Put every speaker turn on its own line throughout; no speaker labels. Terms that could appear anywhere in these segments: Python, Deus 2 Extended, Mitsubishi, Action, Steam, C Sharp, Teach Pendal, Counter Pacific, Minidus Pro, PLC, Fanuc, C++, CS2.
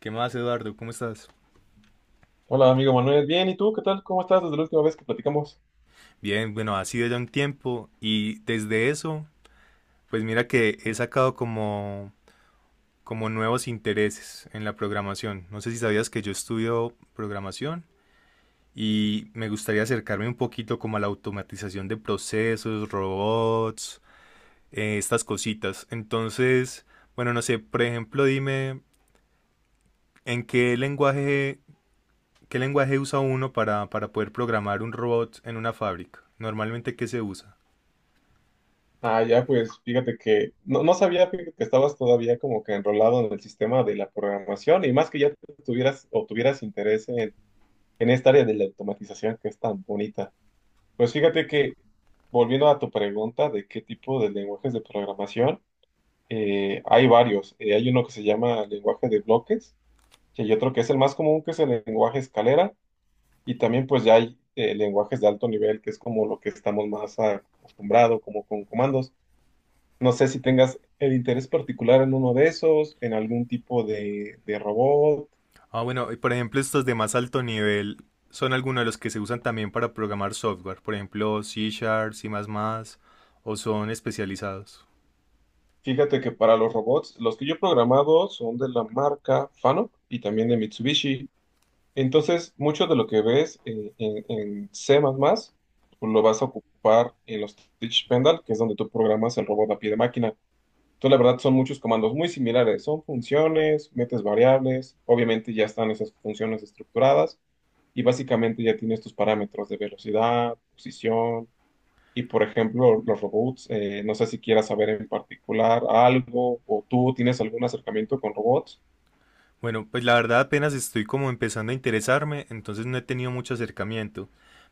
¿Qué más, Eduardo? ¿Cómo estás?
Hola, amigo Manuel. Bien, ¿y tú qué tal? ¿Cómo estás desde la última vez que platicamos?
Bien, bueno, ha sido ya un tiempo y desde eso, pues mira que he sacado como nuevos intereses en la programación. No sé si sabías que yo estudio programación y me gustaría acercarme un poquito como a la automatización de procesos, robots, estas cositas. Entonces, bueno, no sé, por ejemplo, dime en qué lenguaje usa uno para poder programar un robot en una fábrica. Normalmente, ¿qué se usa?
Ah, ya, pues fíjate que no sabía fíjate, que estabas todavía como que enrolado en el sistema de la programación y más que ya tuvieras interés en, esta área de la automatización que es tan bonita. Pues fíjate que, volviendo a tu pregunta de qué tipo de lenguajes de programación, hay varios. Hay uno que se llama lenguaje de bloques y hay otro que es el más común, que es el lenguaje escalera. Y también pues ya hay lenguajes de alto nivel, que es como lo que estamos más acostumbrados, como con comandos. No sé si tengas el interés particular en uno de esos, en algún tipo de, robot.
Ah, bueno, y por ejemplo, estos de más alto nivel son algunos de los que se usan también para programar software, por ejemplo, C Sharp, C++, o son especializados.
Fíjate que para los robots, los que yo he programado son de la marca Fanuc y también de Mitsubishi. Entonces, mucho de lo que ves en, C++, pues lo vas a ocupar en los Teach Pendal, que es donde tú programas el robot a pie de máquina. Entonces, la verdad, son muchos comandos muy similares. Son funciones, metes variables, obviamente ya están esas funciones estructuradas y básicamente ya tienes tus parámetros de velocidad, posición y, por ejemplo, los robots. No sé si quieras saber en particular algo o tú tienes algún acercamiento con robots.
Bueno, pues la verdad apenas estoy como empezando a interesarme, entonces no he tenido mucho acercamiento,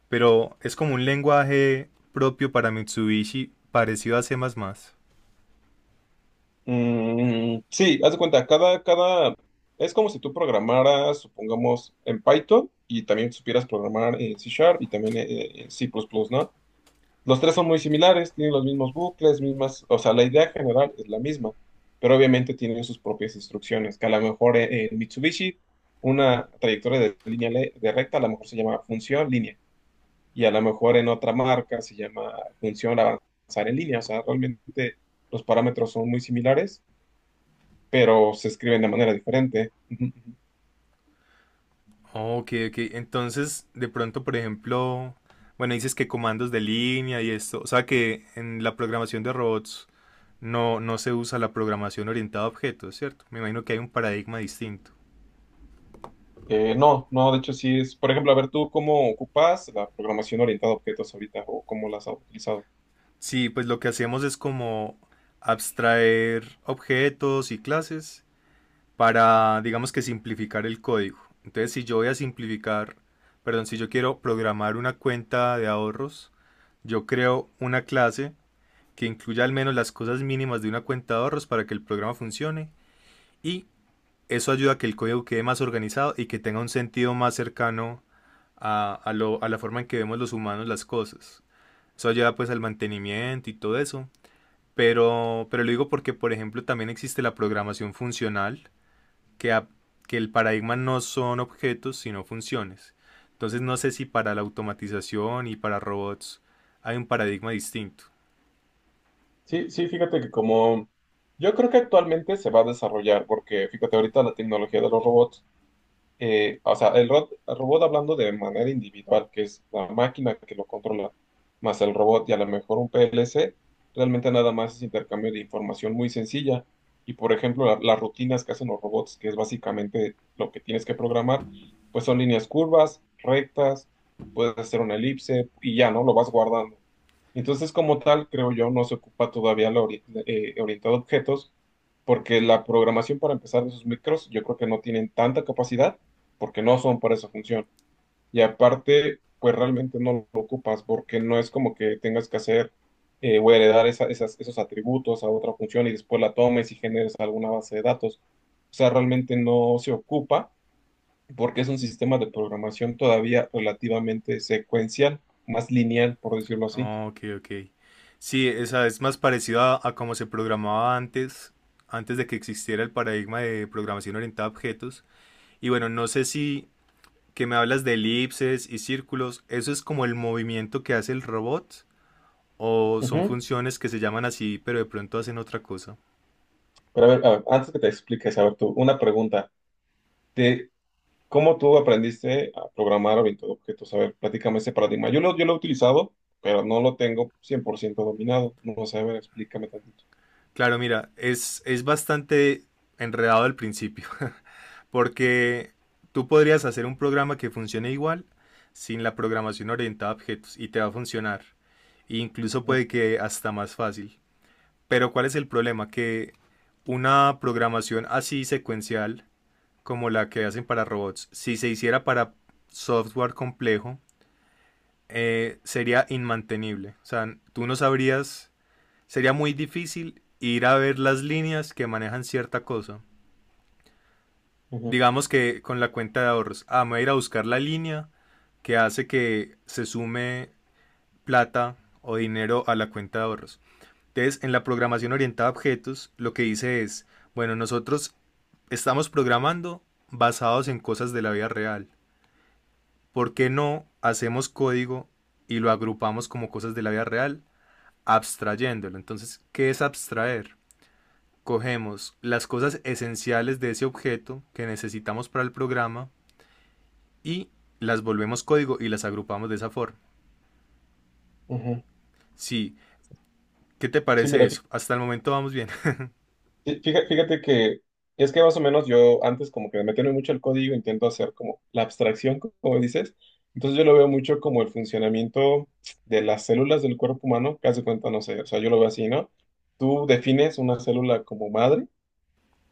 pero es como un lenguaje propio para Mitsubishi parecido a C++.
Mm, sí, haz de cuenta, es como si tú programaras, supongamos, en Python y también supieras programar en C Sharp y también en C++, ¿no? Los tres son muy similares, tienen los mismos bucles, mismas, o sea, la idea general es la misma, pero obviamente tienen sus propias instrucciones, que a lo mejor en, Mitsubishi una trayectoria de de recta a lo mejor se llama función línea y a lo mejor en otra marca se llama función avanzar en línea, o sea, realmente los parámetros son muy similares, pero se escriben de manera diferente. Ujú, ujú.
Ok, ok. Entonces, de pronto, por ejemplo, bueno, dices que comandos de línea y esto, o sea que en la programación de robots no se usa la programación orientada a objetos, ¿cierto? Me imagino que hay un paradigma distinto.
No, no, de hecho sí es, por ejemplo, a ver tú cómo ocupas la programación orientada a objetos ahorita o cómo las has utilizado.
Sí, pues lo que hacemos es como abstraer objetos y clases para, digamos que simplificar el código. Entonces, si yo voy a simplificar, perdón, si yo quiero programar una cuenta de ahorros, yo creo una clase que incluya al menos las cosas mínimas de una cuenta de ahorros para que el programa funcione y eso ayuda a que el código quede más organizado y que tenga un sentido más cercano a la forma en que vemos los humanos las cosas. Eso ayuda pues al mantenimiento y todo eso. Pero lo digo porque, por ejemplo, también existe la programación funcional, que, a- que el paradigma no son objetos, sino funciones. Entonces no sé si para la automatización y para robots hay un paradigma distinto.
Sí, sí, fíjate que como yo creo que actualmente se va a desarrollar, porque fíjate, ahorita la tecnología de los robots, o sea, el robot hablando de manera individual, que es la máquina que lo controla, más el robot y a lo mejor un PLC, realmente nada más es intercambio de información muy sencilla. Y por ejemplo, las rutinas que hacen los robots, que es básicamente lo que tienes que programar, pues son líneas curvas, rectas, puedes hacer una elipse y ya, ¿no? Lo vas guardando. Entonces, como tal, creo yo, no se ocupa todavía la orientado a objetos, porque la programación para empezar de esos micros, yo creo que no tienen tanta capacidad porque no son para esa función. Y aparte, pues realmente no lo ocupas porque no es como que tengas que hacer o heredar esos atributos a otra función y después la tomes y generes alguna base de datos. O sea, realmente no se ocupa porque es un sistema de programación todavía relativamente secuencial, más lineal, por decirlo así.
Ah, Ok, ok. Sí, esa es más parecida a cómo se programaba antes, antes de que existiera el paradigma de programación orientada a objetos. Y bueno, no sé si que me hablas de elipses y círculos, ¿eso es como el movimiento que hace el robot? ¿O son
Ujú.
funciones que se llaman así, pero de pronto hacen otra cosa?
Pero a ver, antes que te expliques, a ver tú, una pregunta. ¿Te, ¿Cómo tú aprendiste a programar orientado a objetos? A ver, platícame ese paradigma. Yo lo he utilizado, pero no lo tengo 100% dominado. No sé, a ver, explícame tantito.
Claro, mira, es bastante enredado al principio. Porque tú podrías hacer un programa que funcione igual sin la programación orientada a objetos y te va a funcionar. E incluso
Ujú,
puede que hasta más fácil. Pero ¿cuál es el problema? Que una programación así secuencial como la que hacen para robots, si se hiciera para software complejo, sería inmantenible. O sea, tú no sabrías, sería muy difícil ir a ver las líneas que manejan cierta cosa.
ujú,
Digamos que con la cuenta de ahorros, ah, me voy a ir a buscar la línea que hace que se sume plata o dinero a la cuenta de ahorros. Entonces, en la programación orientada a objetos, lo que dice es, bueno, nosotros estamos programando basados en cosas de la vida real. ¿Por qué no hacemos código y lo agrupamos como cosas de la vida real, abstrayéndolo? Entonces, ¿qué es abstraer? Cogemos las cosas esenciales de ese objeto que necesitamos para el programa y las volvemos código y las agrupamos de esa forma.
ujú.
Sí, ¿qué te
Sí,
parece
mira,
eso? Hasta el momento vamos bien.
fíjate que es que más o menos yo antes como que me meterme mucho el código, intento hacer como la abstracción, como dices. Entonces yo lo veo mucho como el funcionamiento de las células del cuerpo humano, que hace cuenta, no sé, o sea, yo lo veo así, ¿no? Tú defines una célula como madre,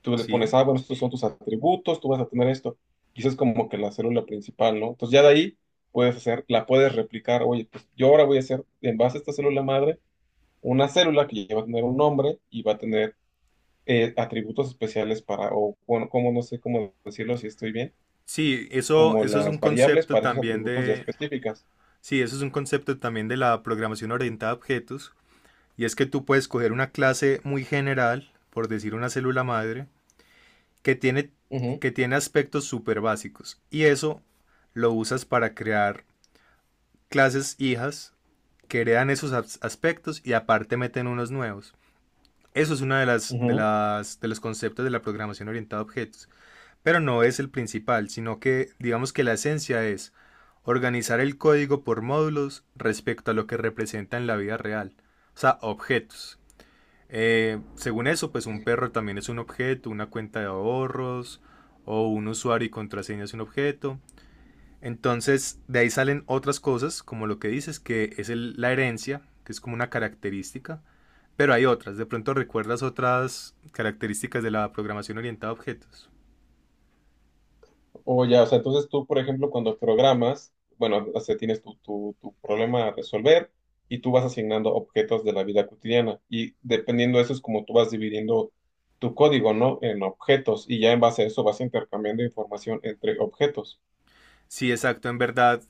tú le
Sí.
pones, ah, bueno, estos son tus atributos, tú vas a tener esto. Y eso es como que la célula principal, ¿no? Entonces ya de ahí puedes hacer, la puedes replicar, oye, pues yo ahora voy a hacer en base a esta célula madre una célula que ya va a tener un nombre y va a tener atributos especiales para, o bueno, como no sé cómo decirlo si estoy bien,
Sí, eso,
como
eso es un
las variables
concepto
para esos
también
atributos ya
de.
específicas.
Sí, eso es un concepto también de la programación orientada a objetos. Y es que tú puedes coger una clase muy general, por decir una célula madre, que tiene,
Ujú,
que tiene aspectos súper básicos. Y eso lo usas para crear clases hijas que heredan esos aspectos y aparte meten unos nuevos. Eso es uno de, las, de,
ujú.
las, de los conceptos de la programación orientada a objetos, pero no es el principal, sino que digamos que la esencia es organizar el código por módulos respecto a lo que representa en la vida real, o sea, objetos. Según eso, pues un perro también es un objeto, una cuenta de ahorros o un usuario y contraseña es un objeto. Entonces, de ahí salen otras cosas, como lo que dices, que es la herencia, que es como una característica, pero hay otras, de pronto recuerdas otras características de la programación orientada a objetos.
O ya, o sea, entonces tú, por ejemplo, cuando programas, bueno, o sea, tienes tu problema a resolver y tú vas asignando objetos de la vida cotidiana y dependiendo de eso es como tú vas dividiendo tu código, ¿no? En objetos y ya en base a eso vas intercambiando información entre objetos.
Sí, exacto, en verdad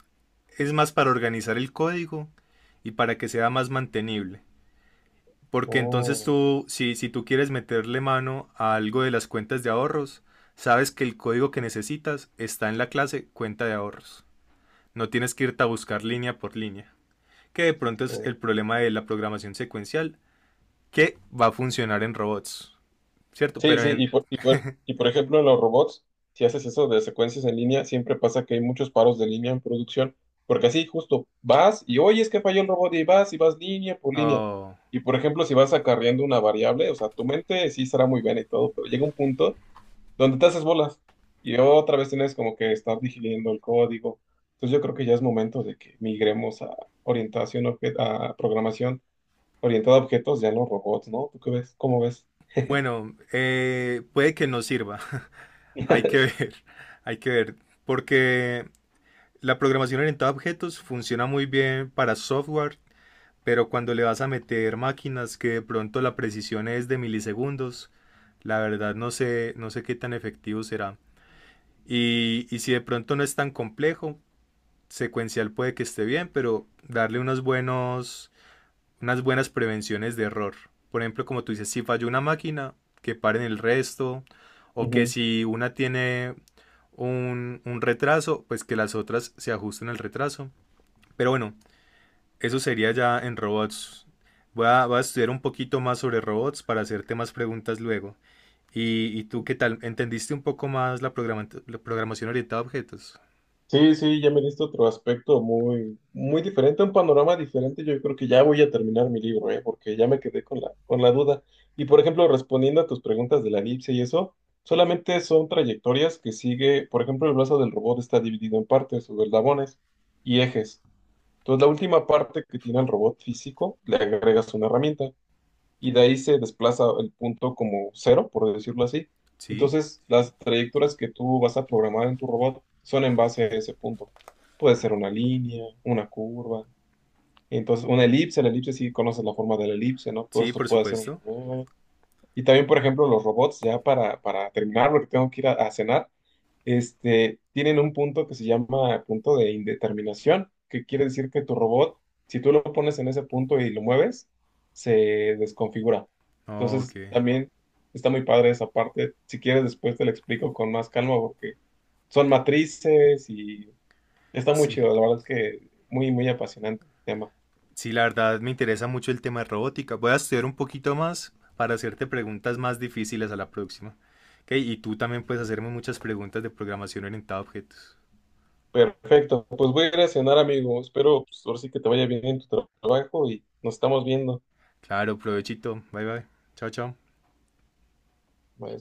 es más para organizar el código y para que sea más mantenible. Porque entonces
Oh,
tú, si tú quieres meterle mano a algo de las cuentas de ahorros, sabes que el código que necesitas está en la clase cuenta de ahorros. No tienes que irte a buscar línea por línea. Que de pronto es
oh.
el problema de la programación secuencial, que va a funcionar en robots, ¿cierto?
Sí,
Pero
sí,
en...
y por ejemplo, en los robots, si haces eso de secuencias en línea, siempre pasa que hay muchos paros de línea en producción, porque así justo vas y oye, es que falló el robot y vas línea por línea.
oh.
Y por ejemplo, si vas acarreando una variable, o sea, tu mente sí será muy buena y todo, pero llega un punto donde te haces bolas y otra vez tienes como que estar digiriendo el código. Entonces yo creo que ya es momento de que migremos a a programación orientada a objetos, ya no robots, ¿no? ¿Tú qué ves? ¿Cómo ves?
Bueno, puede que no sirva. Hay que ver, hay que ver. Porque la programación orientada a objetos funciona muy bien para software, pero cuando le vas a meter máquinas que de pronto la precisión es de milisegundos, la verdad no sé, no sé qué tan efectivo será. Y si de pronto no es tan complejo, secuencial puede que esté bien, pero darle unos buenos unas buenas prevenciones de error. Por ejemplo, como tú dices, si falló una máquina, que paren el resto, o que
Ujú.
si una tiene un retraso, pues que las otras se ajusten al retraso. Pero bueno, eso sería ya en robots. Voy a estudiar un poquito más sobre robots para hacerte más preguntas luego. ¿Y tú qué tal? ¿Entendiste un poco más la programación orientada a objetos?
Sí, sí, ya me diste otro aspecto muy, muy diferente, un panorama diferente. Yo creo que ya voy a terminar mi libro, ¿eh? Porque ya me quedé con la duda. Y por ejemplo, respondiendo a tus preguntas de la elipse y eso, solamente son trayectorias que sigue, por ejemplo, el brazo del robot está dividido en partes, o eslabones y ejes. Entonces, la última parte que tiene el robot físico, le agregas una herramienta y de ahí se desplaza el punto como cero, por decirlo así.
Sí,
Entonces, las trayectorias que tú vas a programar en tu robot son en base a ese punto. Puede ser una línea, una curva, entonces una elipse, la elipse sí conoces la forma de la elipse, ¿no? Todo
sí,
esto
por
puede ser un
supuesto.
robot. Y también, por ejemplo, los robots, ya para, terminar, porque tengo que ir a, cenar, este, tienen un punto que se llama punto de indeterminación, que quiere decir que tu robot, si tú lo pones en ese punto y lo mueves, se desconfigura.
Ok,
Entonces, también está muy padre esa parte. Si quieres, después te la explico con más calma porque son matrices y está muy
sí.
chido. La verdad es que muy, muy apasionante el tema.
Sí, la verdad me interesa mucho el tema de robótica. Voy a estudiar un poquito más para hacerte preguntas más difíciles a la próxima. Ok, y tú también puedes hacerme muchas preguntas de programación orientada a objetos.
Perfecto, pues voy a ir a cenar, amigo. Espero, pues, ahora sí que te vaya bien en tu trabajo y nos estamos viendo.
Claro, provechito. Bye bye. Chao, chao.
Bye.